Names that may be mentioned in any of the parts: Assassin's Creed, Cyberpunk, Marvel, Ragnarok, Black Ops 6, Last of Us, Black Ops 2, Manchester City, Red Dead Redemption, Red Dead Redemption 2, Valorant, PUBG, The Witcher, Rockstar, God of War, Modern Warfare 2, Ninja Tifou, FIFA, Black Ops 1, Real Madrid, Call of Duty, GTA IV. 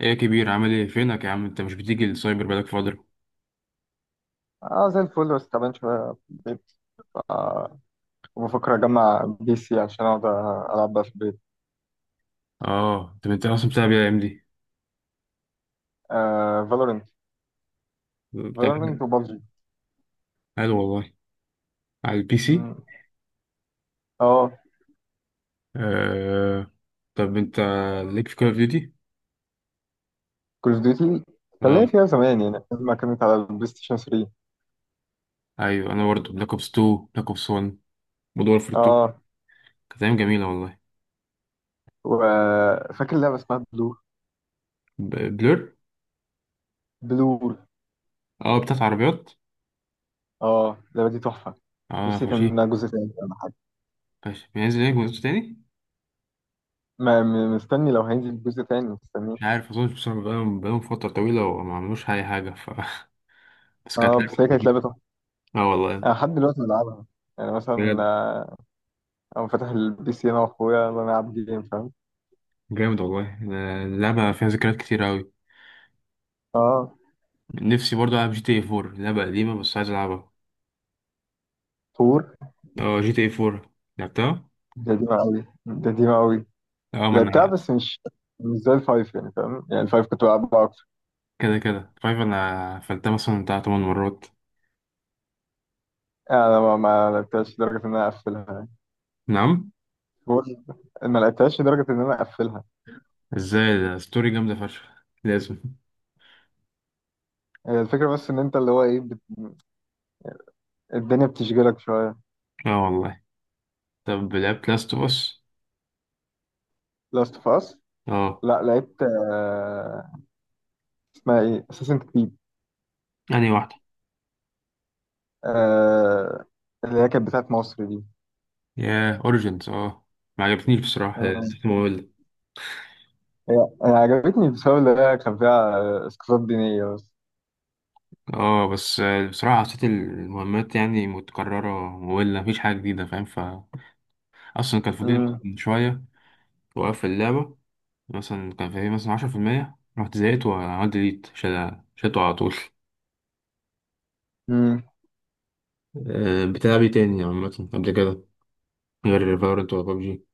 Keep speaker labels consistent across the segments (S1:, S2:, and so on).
S1: ايه يا كبير؟ عامل ايه؟ فينك يا عم؟ انت مش بتيجي السايبر بقالك فترة.
S2: اه، زي الفل بس تعبان شوية في البيت. ف- وبفكر أجمع بي سي عشان أقعد ألعب بقى في البيت.
S1: اه، طب انت اصلا بتلعب ايه الايام دي؟
S2: آه، فالورنت.
S1: بتلعب
S2: فالورنت
S1: إيه؟
S2: وبابجي.
S1: حلو والله. على البي سي.
S2: مم. اه،
S1: آه. طب انت ليك في كول اوف ديوتي؟
S2: كول اوف ديوتي كان ليا
S1: اه.
S2: فيها زمان، يعني لما كانت على البلاي ستيشن 3.
S1: ايوه، انا برضه بلاك اوبس 2، بلاك اوبس 1، مود وورفير 2.
S2: اه،
S1: كانت ايام جميلة والله.
S2: وفاكر لعبة اسمها بلور.
S1: بلور.
S2: بلور.
S1: اه، بتاعت عربيات.
S2: اه، اللعبة دي تحفة.
S1: اه،
S2: نفسي يتعمل
S1: فشيخ.
S2: منها جزء تاني ولا حاجة.
S1: فشيخ. بينزل ايه جزء تاني؟
S2: ما م- مستني، لو هينزل جزء تاني مستنيه.
S1: مش عارف، اظن بصراحة بقالهم فترة طويلة وما عملوش اي حاجة ف بس كانت
S2: اه
S1: لعبة
S2: بس هي كانت
S1: لذيذة.
S2: لعبة تحفة.
S1: اه والله.
S2: أنا لحد دلوقتي بلعبها، يعني مثلا أنا فاتح البي سي أنا وأخويا، يلا نلعب جيم، فاهم.
S1: جامد والله. أنا اللعبة فيها ذكريات كتير أوي.
S2: اه،
S1: نفسي برضه ألعب جي تي اي فور. لعبة قديمة بس عايز ألعبها.
S2: فور.
S1: اه، جي تي اي فور. لعبتها؟
S2: دي قوي. دي قوي.
S1: اه ما
S2: لعبتها
S1: أنا.
S2: بس مش زي الفايف، يعني فاهم، يعني الفايف كنت بلعبها اكتر.
S1: كده كده فايف، أنا فلتها مثلا بتاع 8 مرات.
S2: يعني انا ما لعبتهاش لدرجه ان انا اقفلها، يعني
S1: نعم؟
S2: فور. ما لعبتهاش لدرجه ان انا اقفلها.
S1: ازاي؟ ده ستوري جامدة فشخ. لازم.
S2: هي الفكره بس ان انت اللي هو ايه الدنيا بتشغلك شويه.
S1: اه والله. طب لعبت لاست اوف اس؟
S2: لاست اوف اس؟
S1: اه.
S2: لا، لعبت اسمها ايه، اساسن كريد.
S1: أنهي واحدة؟
S2: آه... اللي هي كانت بتاعت مصر دي.
S1: ياه، أوريجينز. اه. ما عجبتنيش بصراحة،
S2: آه،
S1: نسيت مملة.
S2: هي هي عجبتني بسبب اللي هي كان فيها اسقاطات دينيه بس.
S1: اه بس بصراحة حسيت المهمات يعني متكررة. مملة، مفيش حاجة جديدة، فاهم؟ ف أصلا كان فاضل شوية وقفل اللعبة. مثلا كان فيه مثلا 10%، رحت زهقت وعملت ديليت، شلته على طول.
S2: امم.
S1: أه، بتلعبي تاني عامة قبل كده؟ غير فالورنت ولا ببجي؟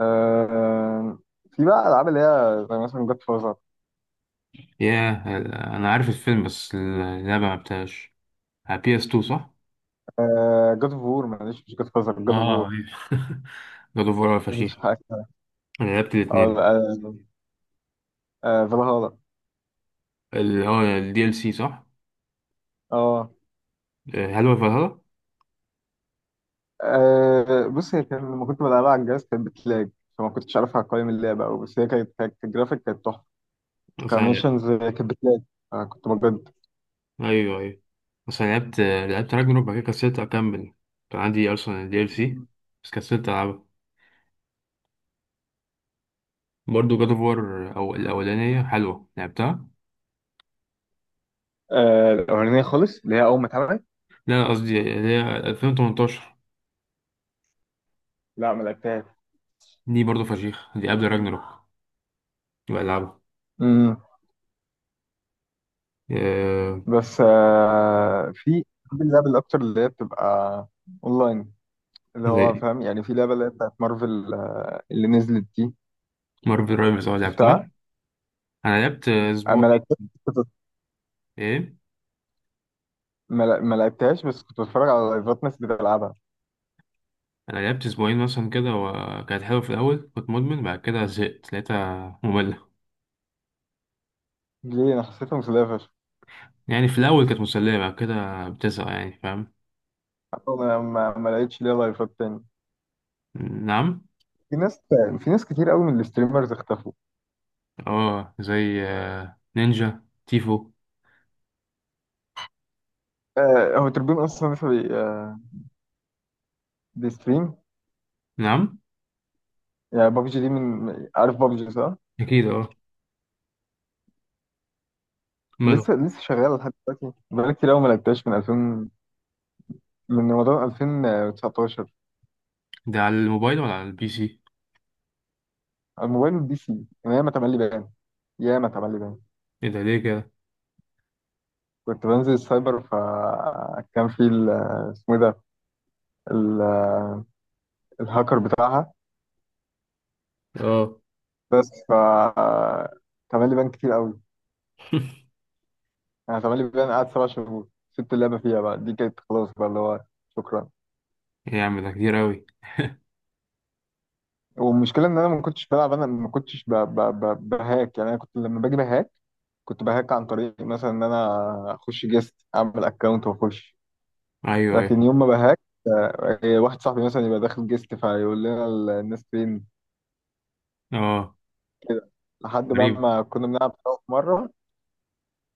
S2: آه في بقى العاب اللي هي زي مثلا جود فازر.
S1: ياه. أنا عارف الفيلم بس اللعبة ملعبتهاش. على بي اس 2 صح؟
S2: جود اوف وور، معلش، مش جود فازر، جود اوف وور.
S1: اه، أيوة. جاد اوف وار
S2: مش
S1: فشيخ.
S2: حاجه، اه.
S1: أنا لعبت الاتنين.
S2: آه، فالهالا.
S1: ال اه الدي ال سي صح؟
S2: اه
S1: هل هو فالهالا؟
S2: بص، هي كان لما كنت بلعبها على الجهاز كانت بتلاج، فما كنتش عارفها، قوائم اللعبه أوي، بس هي كانت الجرافيك كانت تحفه.
S1: بس أنا.
S2: كميشنز كانت بتلاج، فكنت بجد.
S1: أيوه، أيوه. بس أنا لعبت راجنروك، بعد كده كسلت أكمل. كان عندي أصلا الدي ال سي. بس كسلت ألعبها. برضه جاد اوف وار، او الاولانيه حلوه لعبتها.
S2: الأولانية خالص اللي هي أول ما اتعملت.
S1: لا لا، قصدي اللي هي 2018.
S2: لا، ما لعبتهاش.
S1: دي برضه فشيخ، دي قبل راجناروك. بلعبها.
S2: امم.
S1: آه.
S2: بس في بحب اللعب الأكتر اللي هي بتبقى أونلاين، اللي
S1: زي
S2: هو فاهم يعني، في لعبة اللي هي بتاعت مارفل اللي نزلت دي.
S1: مارفل رايفلز، اه لعبتها.
S2: شفتها؟
S1: انا لعبت
S2: أنا
S1: اسبوع.
S2: ما لعبتهاش. كنت-
S1: ايه؟
S2: ما لعبتهاش بس كنت بتفرج على لايفات ناس بتلعبها.
S1: انا لعبت اسبوعين مثلا كده، وكانت حلوه. في الاول كنت مدمن، بعد كده زهقت لقيتها ممله.
S2: ليه، أنا حسيتها مسلية فشخ.
S1: يعني في الاول كانت مسليه، بعد كده بتزهق، يعني فاهم.
S2: حتى أنا ما لقيتش ليها لايفات تاني.
S1: نعم.
S2: في ناس في ناس كتير قوي من الستريمرز اختفوا.
S1: اه، زي نينجا تيفو.
S2: هو تربين أصلا لسه بيستريم.
S1: نعم.
S2: يعني بابجي دي من، عارف بابجي صح؟
S1: اكيد اه. ماله.
S2: لسه لسه شغالة لحد دلوقتي، بقالي كتير قوي ما لعبتهاش من رمضان 2019.
S1: ده على الموبايل ولا على البي سي؟
S2: على الموبايل والبي سي، يعني ياما تملي بيان، ياما تملي بيان.
S1: ايه ده؟ ليه كده؟
S2: كنت بنزل السايبر فكان في اسمه إيه ده، ال- الهاكر بتاعها،
S1: اه.
S2: بس ف. اتعمل لي بان كتير قوي. انا اتعمل لي بان قعد 7 شهور، سبت اللعبه فيها بقى، دي كانت خلاص بقى اللي هو شكرا.
S1: ايه يا عم، ده كتير قوي.
S2: والمشكله ان انا ما كنتش بلعب، انا ما كنتش بهاك، يعني انا كنت لما باجي بهاك، كنت بهاك عن طريق مثلا ان انا اخش جيست، اعمل اكونت واخش.
S1: ايوه،
S2: لكن
S1: ايوه،
S2: يوم ما بهاك، واحد صاحبي مثلا يبقى داخل جيست فيقول لنا الناس فين،
S1: اه.
S2: كده، لحد بقى
S1: غريب.
S2: ما كنا بنلعب سوا في مرة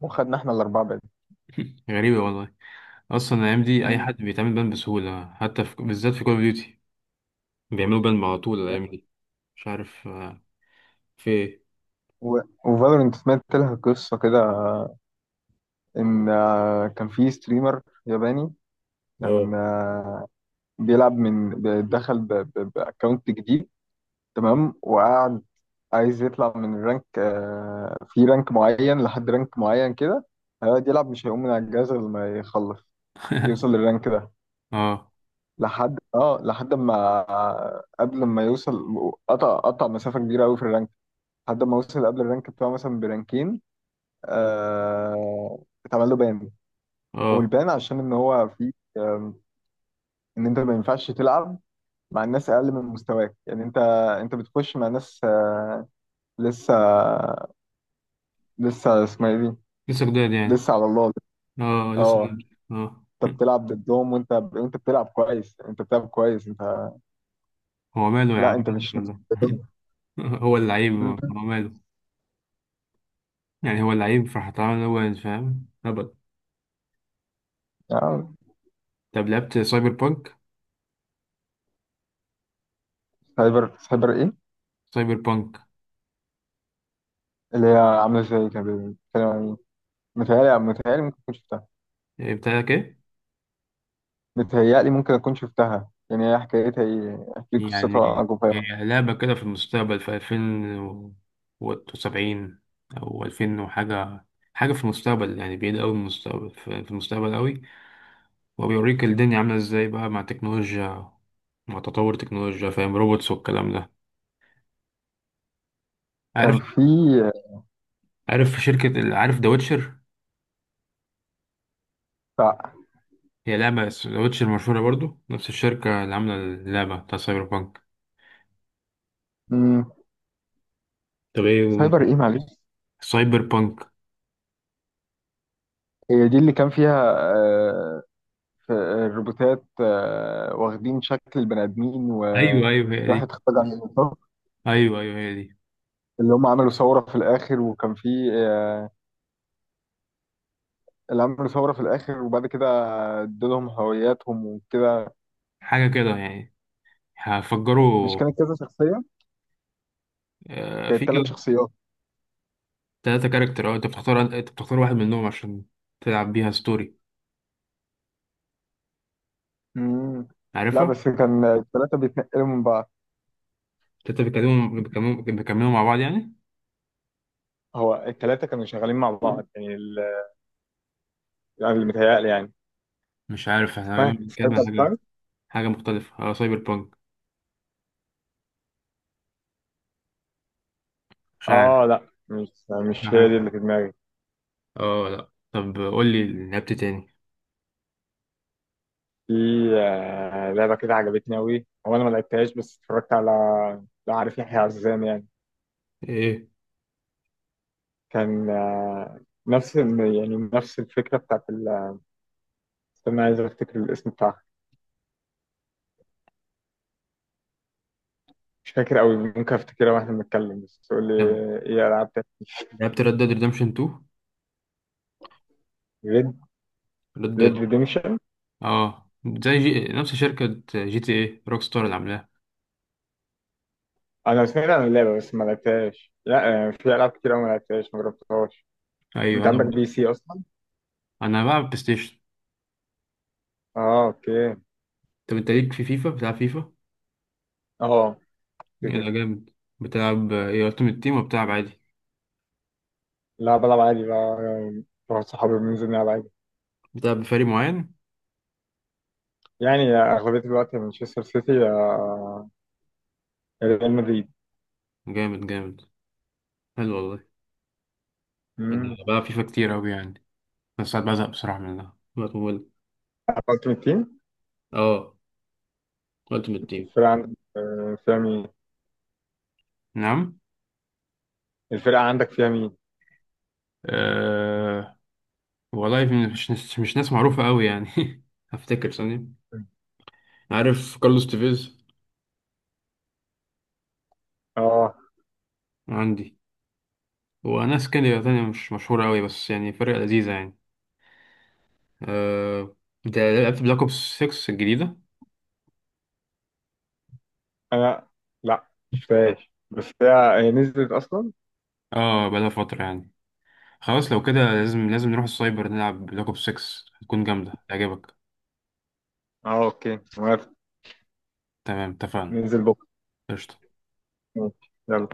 S2: وخدنا احنا الأربعة بعيد.
S1: غريبة والله. اصلا الايام دي اي
S2: مم.
S1: حد بيتعمل بان بسهولة، حتى بالذات في كول اوف ديوتي. بيعملوا بان على طول الايام دي. مش عارف، في ايه.
S2: و... وفالورنت سمعت لها قصة كده، إن كان في ستريمر ياباني،
S1: اه،
S2: كان بيلعب، دخل بأكونت جديد، تمام، وقعد عايز يطلع من الرانك، في رانك معين لحد رانك معين كده، هيقعد يلعب، مش هيقوم من على الجهاز غير لما يخلص يوصل للرانك ده.
S1: اه،
S2: لحد ما قبل ما يوصل، قطع مسافة كبيرة قوي في الرانك، لحد ما وصل قبل الرانك بتاعه مثلا برانكين، آه، اتعمل له بان.
S1: اه،
S2: والبان عشان ان هو في ان انت ما ينفعش تلعب مع الناس اقل من مستواك، يعني انت انت بتخش مع ناس لسه، لسه اسمها ايه دي،
S1: لسه جداد يعني.
S2: لسه على الله.
S1: اه لسه
S2: اه،
S1: جداد اه.
S2: انت بتلعب ضدهم، وانت بتلعب كويس، انت بتلعب كويس، انت.
S1: هو ماله يا
S2: لا،
S1: عم؟
S2: انت
S1: مين
S2: مش
S1: ولا؟
S2: ضدهم.
S1: هو اللعيب هو
S2: مم.
S1: ماله؟ يعني هو اللعيب فهتعامل، هو فاهم هبل.
S2: آه،
S1: طب لعبت سايبر بانك؟
S2: سايبر ايه؟
S1: سايبر بانك.
S2: اللي هي عامله ازاي؟ كانت بتتكلم عن إيه؟ متهيألي ممكن تكون شفتها.
S1: إيه بتاعك ايه؟
S2: بتهيألي ممكن أكون شفتها، يعني هي حكايتها إيه؟ أحكي لك قصتها
S1: يعني
S2: جوفاء.
S1: هي لعبة كده في المستقبل، في 2070، أو ألفين وحاجة، حاجة في المستقبل، يعني بعيد أوي من المستقبل، في المستقبل أوي. وبيوريك الدنيا عاملة إزاي بقى مع التكنولوجيا، مع تطور التكنولوجيا، فاهم؟ روبوتس والكلام ده. عارف.
S2: كان في
S1: عارف ذا ويتشر.
S2: بتاع،
S1: هي لعبة ذا ويتشر مشهورة برضو، نفس الشركة اللي عاملة اللعبة بتاع سايبر بانك.
S2: مم.
S1: طب ايه انت.
S2: سايبر إيه، معلش؟
S1: سايبر بانك.
S2: هي دي اللي كان فيها في الروبوتات، واخدين شكل البني آدمين، وفي
S1: ايوه، ايوه، هي دي.
S2: واحد اخترع الروبوتات
S1: ايوه، ايوه، هي دي.
S2: اللي هم عملوا ثورة في الآخر، وكان في آه، اللي عملوا ثورة في الآخر، وبعد كده ادولهم هوياتهم وكده.
S1: حاجة كده يعني.
S2: مش
S1: هفجروا.
S2: كانت كذا شخصية؟
S1: في
S2: كانت 3 شخصيات.
S1: 3 كاركتر، اه انت بتختار واحد منهم عشان تلعب بيها ستوري.
S2: مم. لا،
S1: عارفها؟
S2: بس كان الثلاثة بيتنقلوا من بعض.
S1: انت بيكلموا بيكلموا بيكملوا مع بعض يعني؟
S2: هو الثلاثة كانوا شغالين مع بعض، يعني يعني اللي متهيألي يعني،
S1: مش عارف، احنا غالبا
S2: اسمها
S1: بنتكلم
S2: سايد
S1: عن
S2: باي سايد.
S1: حاجة، حاجة مختلفة. اه سايبر بانك. مش عارف.
S2: اه، لا، مش هي دي اللي
S1: حاجة-
S2: في دماغي.
S1: اه لا، طب قول لي لعبت تاني.
S2: في لعبة كده عجبتني أوي، هو أنا ما لعبتهاش بس اتفرجت على، لا عارف يحيى عزام يعني،
S1: ايه؟
S2: كان نفس يعني نفس الفكرة بتاعت استنى، عايز أفتكر الاسم بتاعها. مش فاكر أوي، ممكن أفتكرها وإحنا بنتكلم، بس تقول لي
S1: طب
S2: إيه ألعاب تاني.
S1: لعبت ريد ديد ريدمشن 2؟
S2: ريد
S1: ريد
S2: ريد
S1: ديد.
S2: ريديمشن.
S1: اه، زي نفس شركة جي تي ايه روك ستار اللي عاملاها.
S2: أنا سمعت عن اللعبة بس ما لعبتهاش، لا في ألعاب كتير أوي ما لعبتهاش، ما جربتهاش.
S1: ايوه،
S2: انت عندك
S1: انا.
S2: بي سي اصلا؟
S1: انا بلعب بلاي ستيشن.
S2: اه، اوكي.
S1: طب انت ليك في فيفا؟ بتلعب فيفا؟
S2: اه، كده
S1: يلا
S2: كده.
S1: جامد. بتلعب ايه، التيم تيم وبتلعب عادي؟
S2: لا، بلعب عادي بقى، يعني مع صحابي بننزل نلعب عادي.
S1: بتلعب بفريق معين؟
S2: يعني اغلبيه الوقت مانشستر سيتي، ريال مدريد.
S1: جامد، جامد. حلو والله. كنت
S2: امم.
S1: بلعب فيفا كتير أوي يعني، بس ساعات بزهق بصراحة منها مطول.
S2: قلت من التيم،
S1: اه، التيمت تيم.
S2: الفرقه عندك فيها مين؟
S1: نعم.
S2: الفرقه عندك فيها مين؟
S1: أه... والله، مش ناس معروفة أوي يعني. هفتكر ثانية. عارف كارلوس تيفيز؟
S2: اه،
S1: عندي. وناس كده تانية مش مشهورة أوي، بس يعني فرقة لذيذة يعني. أه... أنت لعبت بلاك أوبس 6 الجديدة؟
S2: انا، لا، مش فاهم، بس هي نزلت اصلا.
S1: اه، بقالها فترة يعني. خلاص لو كده، لازم لازم نروح السايبر نلعب بلاك أوبس 6. هتكون جامدة تعجبك.
S2: اه، اوكي، موافق.
S1: تمام، اتفقنا.
S2: ننزل بكره.
S1: قشطة.
S2: ماشي. يلا